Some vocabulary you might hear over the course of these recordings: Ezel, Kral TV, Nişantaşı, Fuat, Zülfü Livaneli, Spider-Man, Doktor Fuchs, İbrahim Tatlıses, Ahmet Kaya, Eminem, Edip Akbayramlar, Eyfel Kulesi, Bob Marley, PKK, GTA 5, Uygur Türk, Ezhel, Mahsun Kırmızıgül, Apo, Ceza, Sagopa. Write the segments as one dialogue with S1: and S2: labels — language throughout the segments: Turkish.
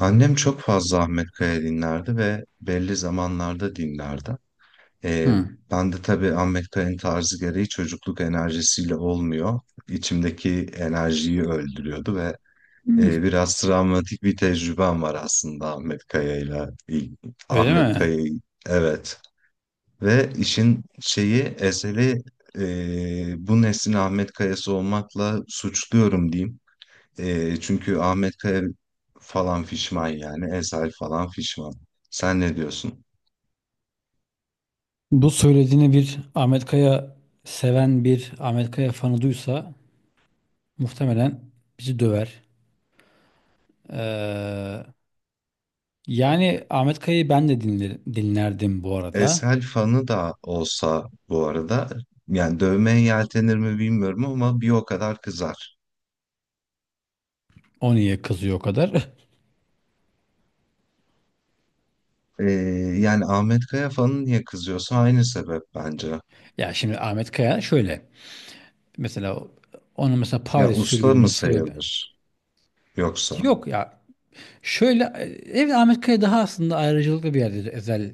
S1: Annem çok fazla Ahmet Kaya dinlerdi ve belli zamanlarda dinlerdi. Ee,
S2: Hı.
S1: Ben de tabii Ahmet Kaya'nın tarzı gereği çocukluk enerjisiyle olmuyor. İçimdeki enerjiyi öldürüyordu ve
S2: Hmm.
S1: biraz travmatik bir tecrübem var aslında Ahmet Kaya'yla.
S2: Öyle
S1: Ahmet
S2: mi?
S1: Kaya'yı, evet. Ve işin şeyi, eseri bu neslin Ahmet Kaya'sı olmakla suçluyorum diyeyim. Çünkü Ahmet Kaya falan fişman yani. Ezel falan fişman. Sen ne diyorsun?
S2: Bu söylediğini bir Ahmet Kaya seven bir Ahmet Kaya fanı duysa muhtemelen bizi döver. Ee, Yani Ahmet Kaya'yı, ben de dinlerdim bu arada.
S1: Ezel fanı da olsa bu arada yani dövmeye yeltenir mi bilmiyorum ama bir o kadar kızar.
S2: O niye kızıyor o kadar?
S1: E, Yani Ahmet Kaya fanı niye kızıyorsa aynı sebep bence.
S2: Ya şimdi Ahmet Kaya şöyle. Mesela onun
S1: Ya
S2: Paris
S1: usta mı
S2: sürgününün sebebi,
S1: sayılır yoksa?
S2: yok ya. Şöyle, evet, Ahmet Kaya daha aslında ayrıcalıklı bir yerdir Ezel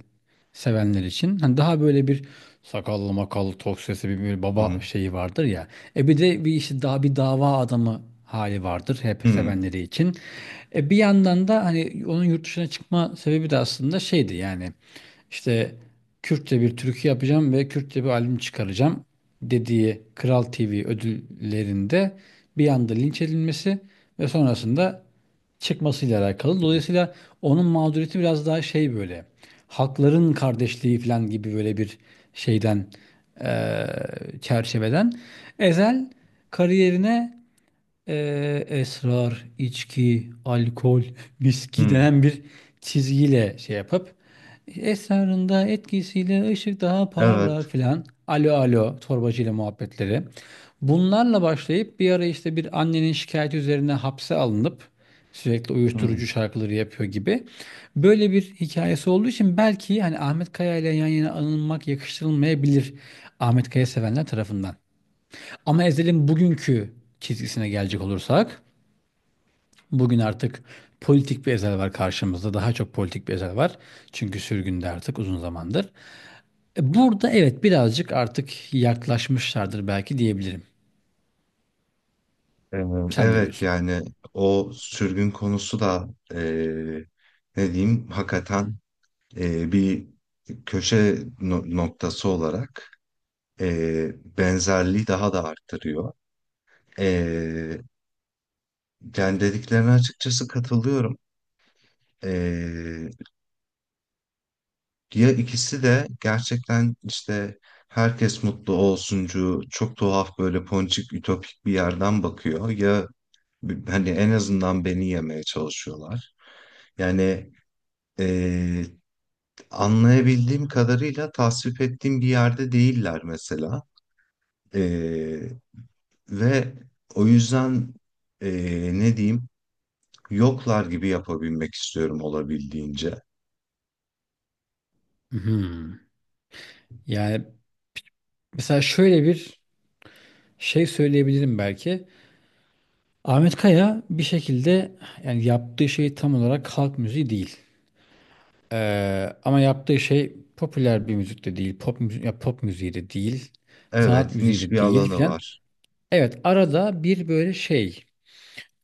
S2: sevenler için. Hani daha böyle bir sakallı makallı tok sesi bir
S1: Hı
S2: baba
S1: hı.
S2: şeyi vardır ya. Bir de bir işte daha bir dava adamı hali vardır hep
S1: Hı.
S2: sevenleri için. E bir yandan da hani onun yurt dışına çıkma sebebi de aslında şeydi yani, işte, Kürtçe bir türkü yapacağım ve Kürtçe bir albüm çıkaracağım dediği Kral TV ödüllerinde bir anda linç edilmesi ve sonrasında çıkmasıyla alakalı.
S1: Hı.
S2: Dolayısıyla onun mağduriyeti biraz daha şey, böyle halkların kardeşliği falan gibi böyle bir şeyden, eee, çerçeveden. Ezel kariyerine, esrar, içki, alkol, viski denen bir çizgiyle şey yapıp, esrarında etkisiyle ışık daha parlak
S1: Evet.
S2: filan, alo alo torbacıyla muhabbetleri. Bunlarla başlayıp bir ara işte bir annenin şikayeti üzerine hapse alınıp sürekli
S1: Hmm.
S2: uyuşturucu şarkıları yapıyor gibi. Böyle bir hikayesi olduğu için belki hani Ahmet Kaya ile yan yana anılmak yakıştırılmayabilir Ahmet Kaya sevenler tarafından. Ama Ezel'in bugünkü çizgisine gelecek olursak, bugün artık politik bir Ezel var karşımızda. Daha çok politik bir Ezel var. Çünkü sürgünde artık uzun zamandır. E, burada evet birazcık artık yaklaşmışlardır belki diyebilirim.
S1: e,
S2: Sen ne
S1: Evet
S2: diyorsun?
S1: yani, o sürgün konusu da, e, ne diyeyim hakikaten, bir köşe noktası olarak e, benzerliği daha da arttırıyor. E, Yani dediklerine açıkçası katılıyorum. E, Ya ikisi de gerçekten işte herkes mutlu olsuncu, çok tuhaf böyle ponçik ütopik bir yerden bakıyor ya, hani en azından beni yemeye çalışıyorlar. Yani. Ee, Anlayabildiğim kadarıyla tasvip ettiğim bir yerde değiller mesela. Ee, Ve o yüzden ne diyeyim, yoklar gibi yapabilmek istiyorum olabildiğince.
S2: Hmm. Yani mesela şöyle bir şey söyleyebilirim belki. Ahmet Kaya bir şekilde, yani yaptığı şey tam olarak halk müziği değil. Ama yaptığı şey popüler bir müzik de değil, pop müziği de değil, sanat
S1: Evet,
S2: müziği
S1: niş
S2: de
S1: bir
S2: değil
S1: alanı
S2: filan.
S1: var.
S2: Evet, arada bir böyle şey,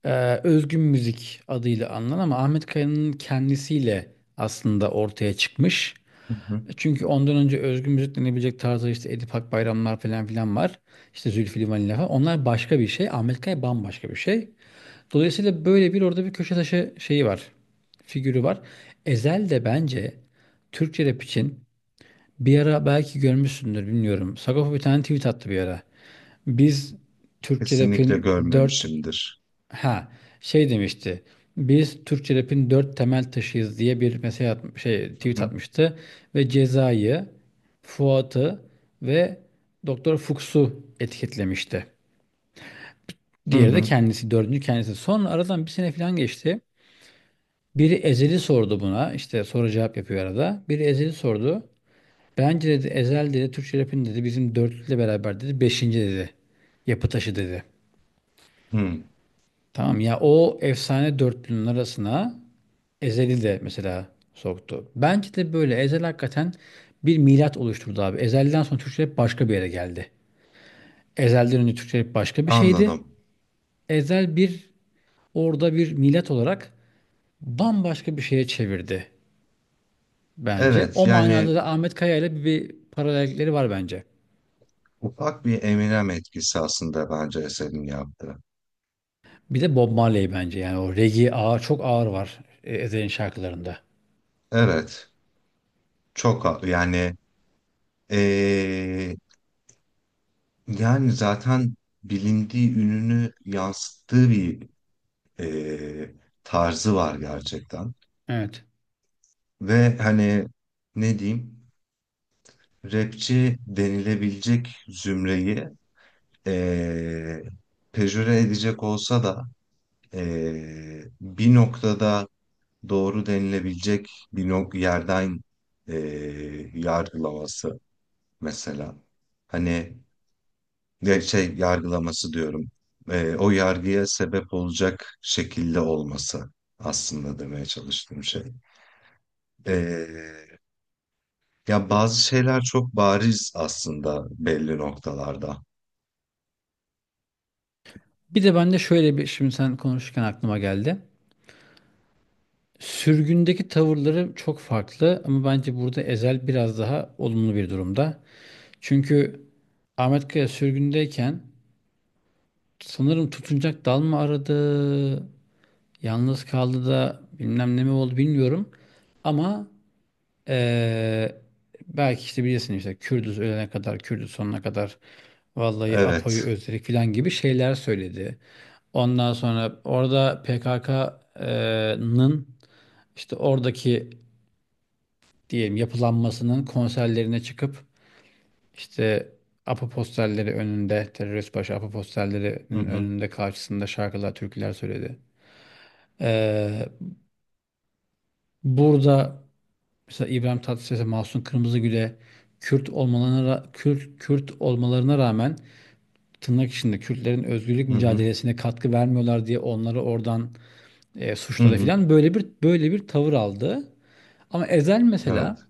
S2: özgün müzik adıyla anılan ama Ahmet Kaya'nın kendisiyle aslında ortaya çıkmış.
S1: Hı hı.
S2: Çünkü ondan önce özgün müzik denebilecek tarzda işte Edip Akbayramlar falan filan var. İşte Zülfü Livaneli falan. Onlar başka bir şey. Ahmet Kaya bambaşka bir şey. Dolayısıyla böyle bir orada bir köşe taşı şeyi var. Figürü var. Ezel de bence Türkçe rap için, bir ara belki görmüşsündür bilmiyorum, Sagopa bir tane tweet attı bir ara. Biz Türkçe
S1: Kesinlikle
S2: rap'in dört
S1: görmemişimdir.
S2: ha Şey demişti. Biz Türkçe rap'in dört temel taşıyız diye bir mesaj at, şey,
S1: Hı
S2: tweet
S1: hı.
S2: atmıştı ve Ceza'yı, Fuat'ı ve Doktor Fuchs'u etiketlemişti.
S1: Hı
S2: Diğeri de
S1: hı.
S2: kendisi, dördüncü kendisi. Sonra aradan bir sene falan geçti. Biri ezeli sordu buna. İşte soru cevap yapıyor arada. Biri ezeli sordu. Bence dedi, ezel dedi, Türkçe rapin dedi, bizim dörtlükle beraber dedi, beşinci dedi. Yapı taşı dedi.
S1: Hı.
S2: Tamam ya, o efsane dörtlünün arasına ezeli de mesela soktu. Bence de böyle ezel hakikaten bir milat oluşturdu abi. Ezelden sonra Türkçe rap başka bir yere geldi. Ezhel'den önce Türkçe rap başka bir şeydi.
S1: Anladım.
S2: Ezel bir orada bir milat olarak bambaşka bir şeye çevirdi bence.
S1: Evet,
S2: O
S1: yani
S2: manada da Ahmet Kaya ile bir paralellikleri var bence.
S1: ufak bir Eminem etkisi aslında bence eserin yaptığı.
S2: Bir de Bob Marley bence, yani o reggae ağır, çok ağır var, Ezhel'in şarkılarında.
S1: Evet, çok yani, ee, yani zaten bilindiği ününü yansıttığı bir e, tarzı var gerçekten.
S2: Evet.
S1: Ve hani, ne diyeyim, rapçi denilebilecek zümreyi e, pejöre edecek olsa da, bir noktada doğru denilebilecek bir yerden e, yargılaması mesela. Hani, ya şey yargılaması diyorum. O yargıya sebep olacak şekilde olması, aslında demeye çalıştığım şey. Ee, Ya bazı şeyler çok bariz aslında belli noktalarda.
S2: Bir de ben de şöyle bir, şimdi sen konuşurken aklıma geldi. Sürgündeki tavırları çok farklı ama bence burada Ezel biraz daha olumlu bir durumda. Çünkü Ahmet Kaya sürgündeyken sanırım tutunacak dal mı aradı, yalnız kaldı da bilmem ne mi oldu bilmiyorum. Ama Ee, belki işte bilirsin işte Kürdüz ölene kadar, Kürdüz sonuna kadar, vallahi Apo'yu
S1: Evet.
S2: özledik filan gibi şeyler söyledi. Ondan sonra orada PKK'nın işte oradaki diyelim yapılanmasının konserlerine çıkıp işte APO posterleri önünde, terörist başı APO
S1: Hı
S2: posterlerinin
S1: hı.
S2: önünde, karşısında şarkılar, türküler söyledi. Ee, Burada mesela İbrahim Tatlıses'e, Mahsun Kırmızıgül'e Kürt olmalarına, Kürt olmalarına rağmen tırnak içinde Kürtlerin özgürlük
S1: Hı hı.
S2: mücadelesine katkı vermiyorlar diye onları oradan
S1: Hı
S2: suçladı
S1: hı.
S2: filan, böyle bir tavır aldı. Ama Ezel
S1: Evet.
S2: mesela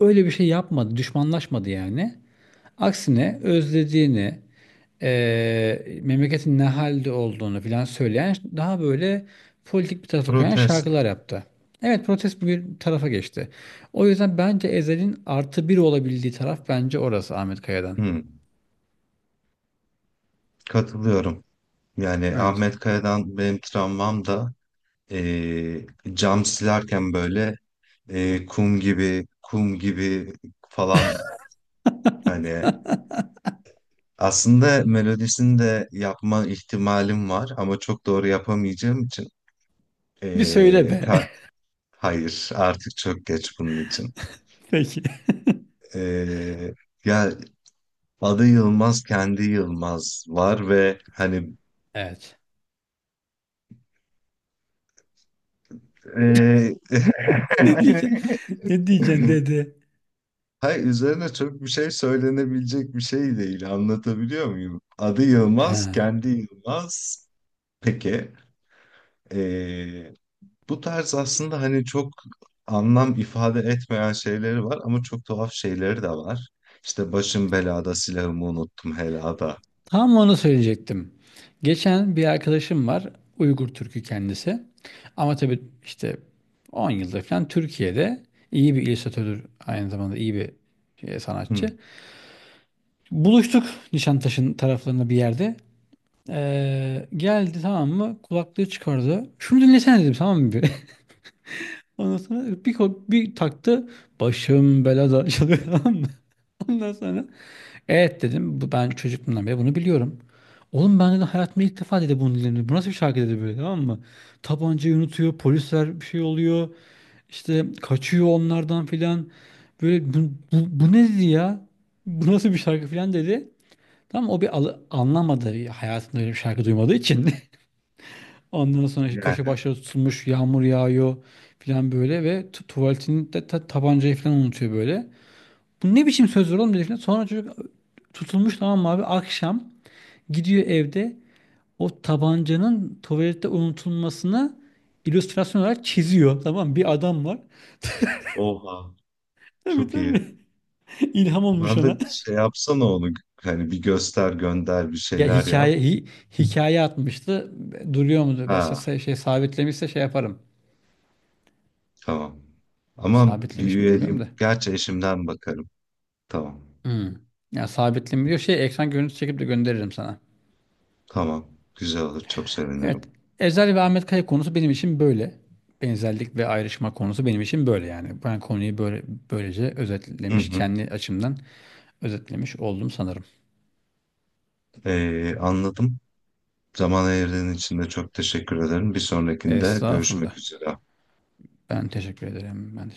S2: öyle bir şey yapmadı, düşmanlaşmadı yani. Aksine özlediğini, memleketin ne halde olduğunu filan söyleyen daha böyle politik bir tarafa kayan
S1: Protest.
S2: şarkılar yaptı. Evet, protest bir tarafa geçti. O yüzden bence Ezel'in artı bir olabildiği taraf bence orası, Ahmet Kaya'dan.
S1: Hı. Katılıyorum. Yani
S2: Evet.
S1: Ahmet Kaya'dan benim travmam da, ee, cam silerken böyle, kum gibi kum gibi falan hani. Aslında melodisini de yapma ihtimalim var ama çok doğru yapamayacağım için
S2: Bir söyle
S1: eee,
S2: be.
S1: ta- hayır artık çok geç bunun için.
S2: Peki.
S1: Eee, Ya, adı Yılmaz, kendi Yılmaz var ve hani
S2: Evet.
S1: eee
S2: Ne diyeceksin? Ne diyeceksin dedi.
S1: hayır, üzerine çok bir şey söylenebilecek bir şey değil, anlatabiliyor muyum? Adı Yılmaz,
S2: Ha.
S1: kendi Yılmaz. Peki. Bu tarz aslında hani çok anlam ifade etmeyen şeyleri var ama çok tuhaf şeyleri de var. İşte başım belada, silahımı unuttum helada.
S2: Tam onu söyleyecektim. Geçen bir arkadaşım var. Uygur Türk'ü kendisi. Ama tabii işte 10 yıldır falan Türkiye'de, iyi bir illüstratördür. Aynı zamanda iyi bir şey,
S1: Hı.
S2: sanatçı. Buluştuk Nişantaşı'nın taraflarında bir yerde. Geldi, tamam mı? Kulaklığı çıkardı. Şunu dinlesene dedim, tamam mı? Bir? Ondan sonra bir taktı. Başım belada çalıyor, tamam mı? Ondan sonra evet dedim. Bu, ben çocukluğumdan beri bunu biliyorum. Oğlum ben de hayatımda ilk defa dedi bunu dinledim. Bu nasıl bir şarkı dedi böyle, tamam mı? Tabancayı unutuyor, polisler bir şey oluyor. İşte kaçıyor onlardan filan. Böyle bu ne dedi ya? Bu nasıl bir şarkı filan dedi. Tamam o anlamadı hayatında öyle bir şarkı duymadığı için. Ondan sonra işte köşe
S1: Yani.
S2: başları tutulmuş, yağmur yağıyor filan böyle, ve tuvaletinde tabancayı filan unutuyor böyle. Bu ne biçim sözler oğlum dedi filan. Sonra çocuk tutulmuş tamam mı abi, akşam gidiyor evde, o tabancanın tuvalette unutulmasına illüstrasyon olarak çiziyor. Tamam mı? Bir adam var.
S1: Oha,
S2: Tabii
S1: çok iyi.
S2: tabii. İlham olmuş
S1: Ben de
S2: ona.
S1: şey yapsana onu, hani bir göster, gönder, bir
S2: Ya
S1: şeyler yap.
S2: hikaye atmıştı. Duruyor mudur?
S1: Ha,
S2: Mesela şey sabitlemişse şey yaparım.
S1: tamam. Ama bir
S2: Sabitlemiş mi
S1: üyeliğim
S2: bilmiyorum da.
S1: gerçi, eşimden bakarım. Tamam.
S2: Hmm. Ya sabitlemiyor. Şey, ekran görüntüsü çekip de gönderirim sana.
S1: Tamam. Güzel olur, çok sevinirim.
S2: Evet. Ezel ve Ahmet Kaya konusu benim için böyle. Benzerlik ve ayrışma konusu benim için böyle yani. Ben konuyu böylece
S1: Hı
S2: özetlemiş,
S1: hı.
S2: kendi açımdan özetlemiş oldum sanırım.
S1: Anladım. Zaman ayırdığın için de çok teşekkür ederim. Bir sonrakinde görüşmek
S2: Estağfurullah.
S1: üzere.
S2: Ben teşekkür ederim. Ben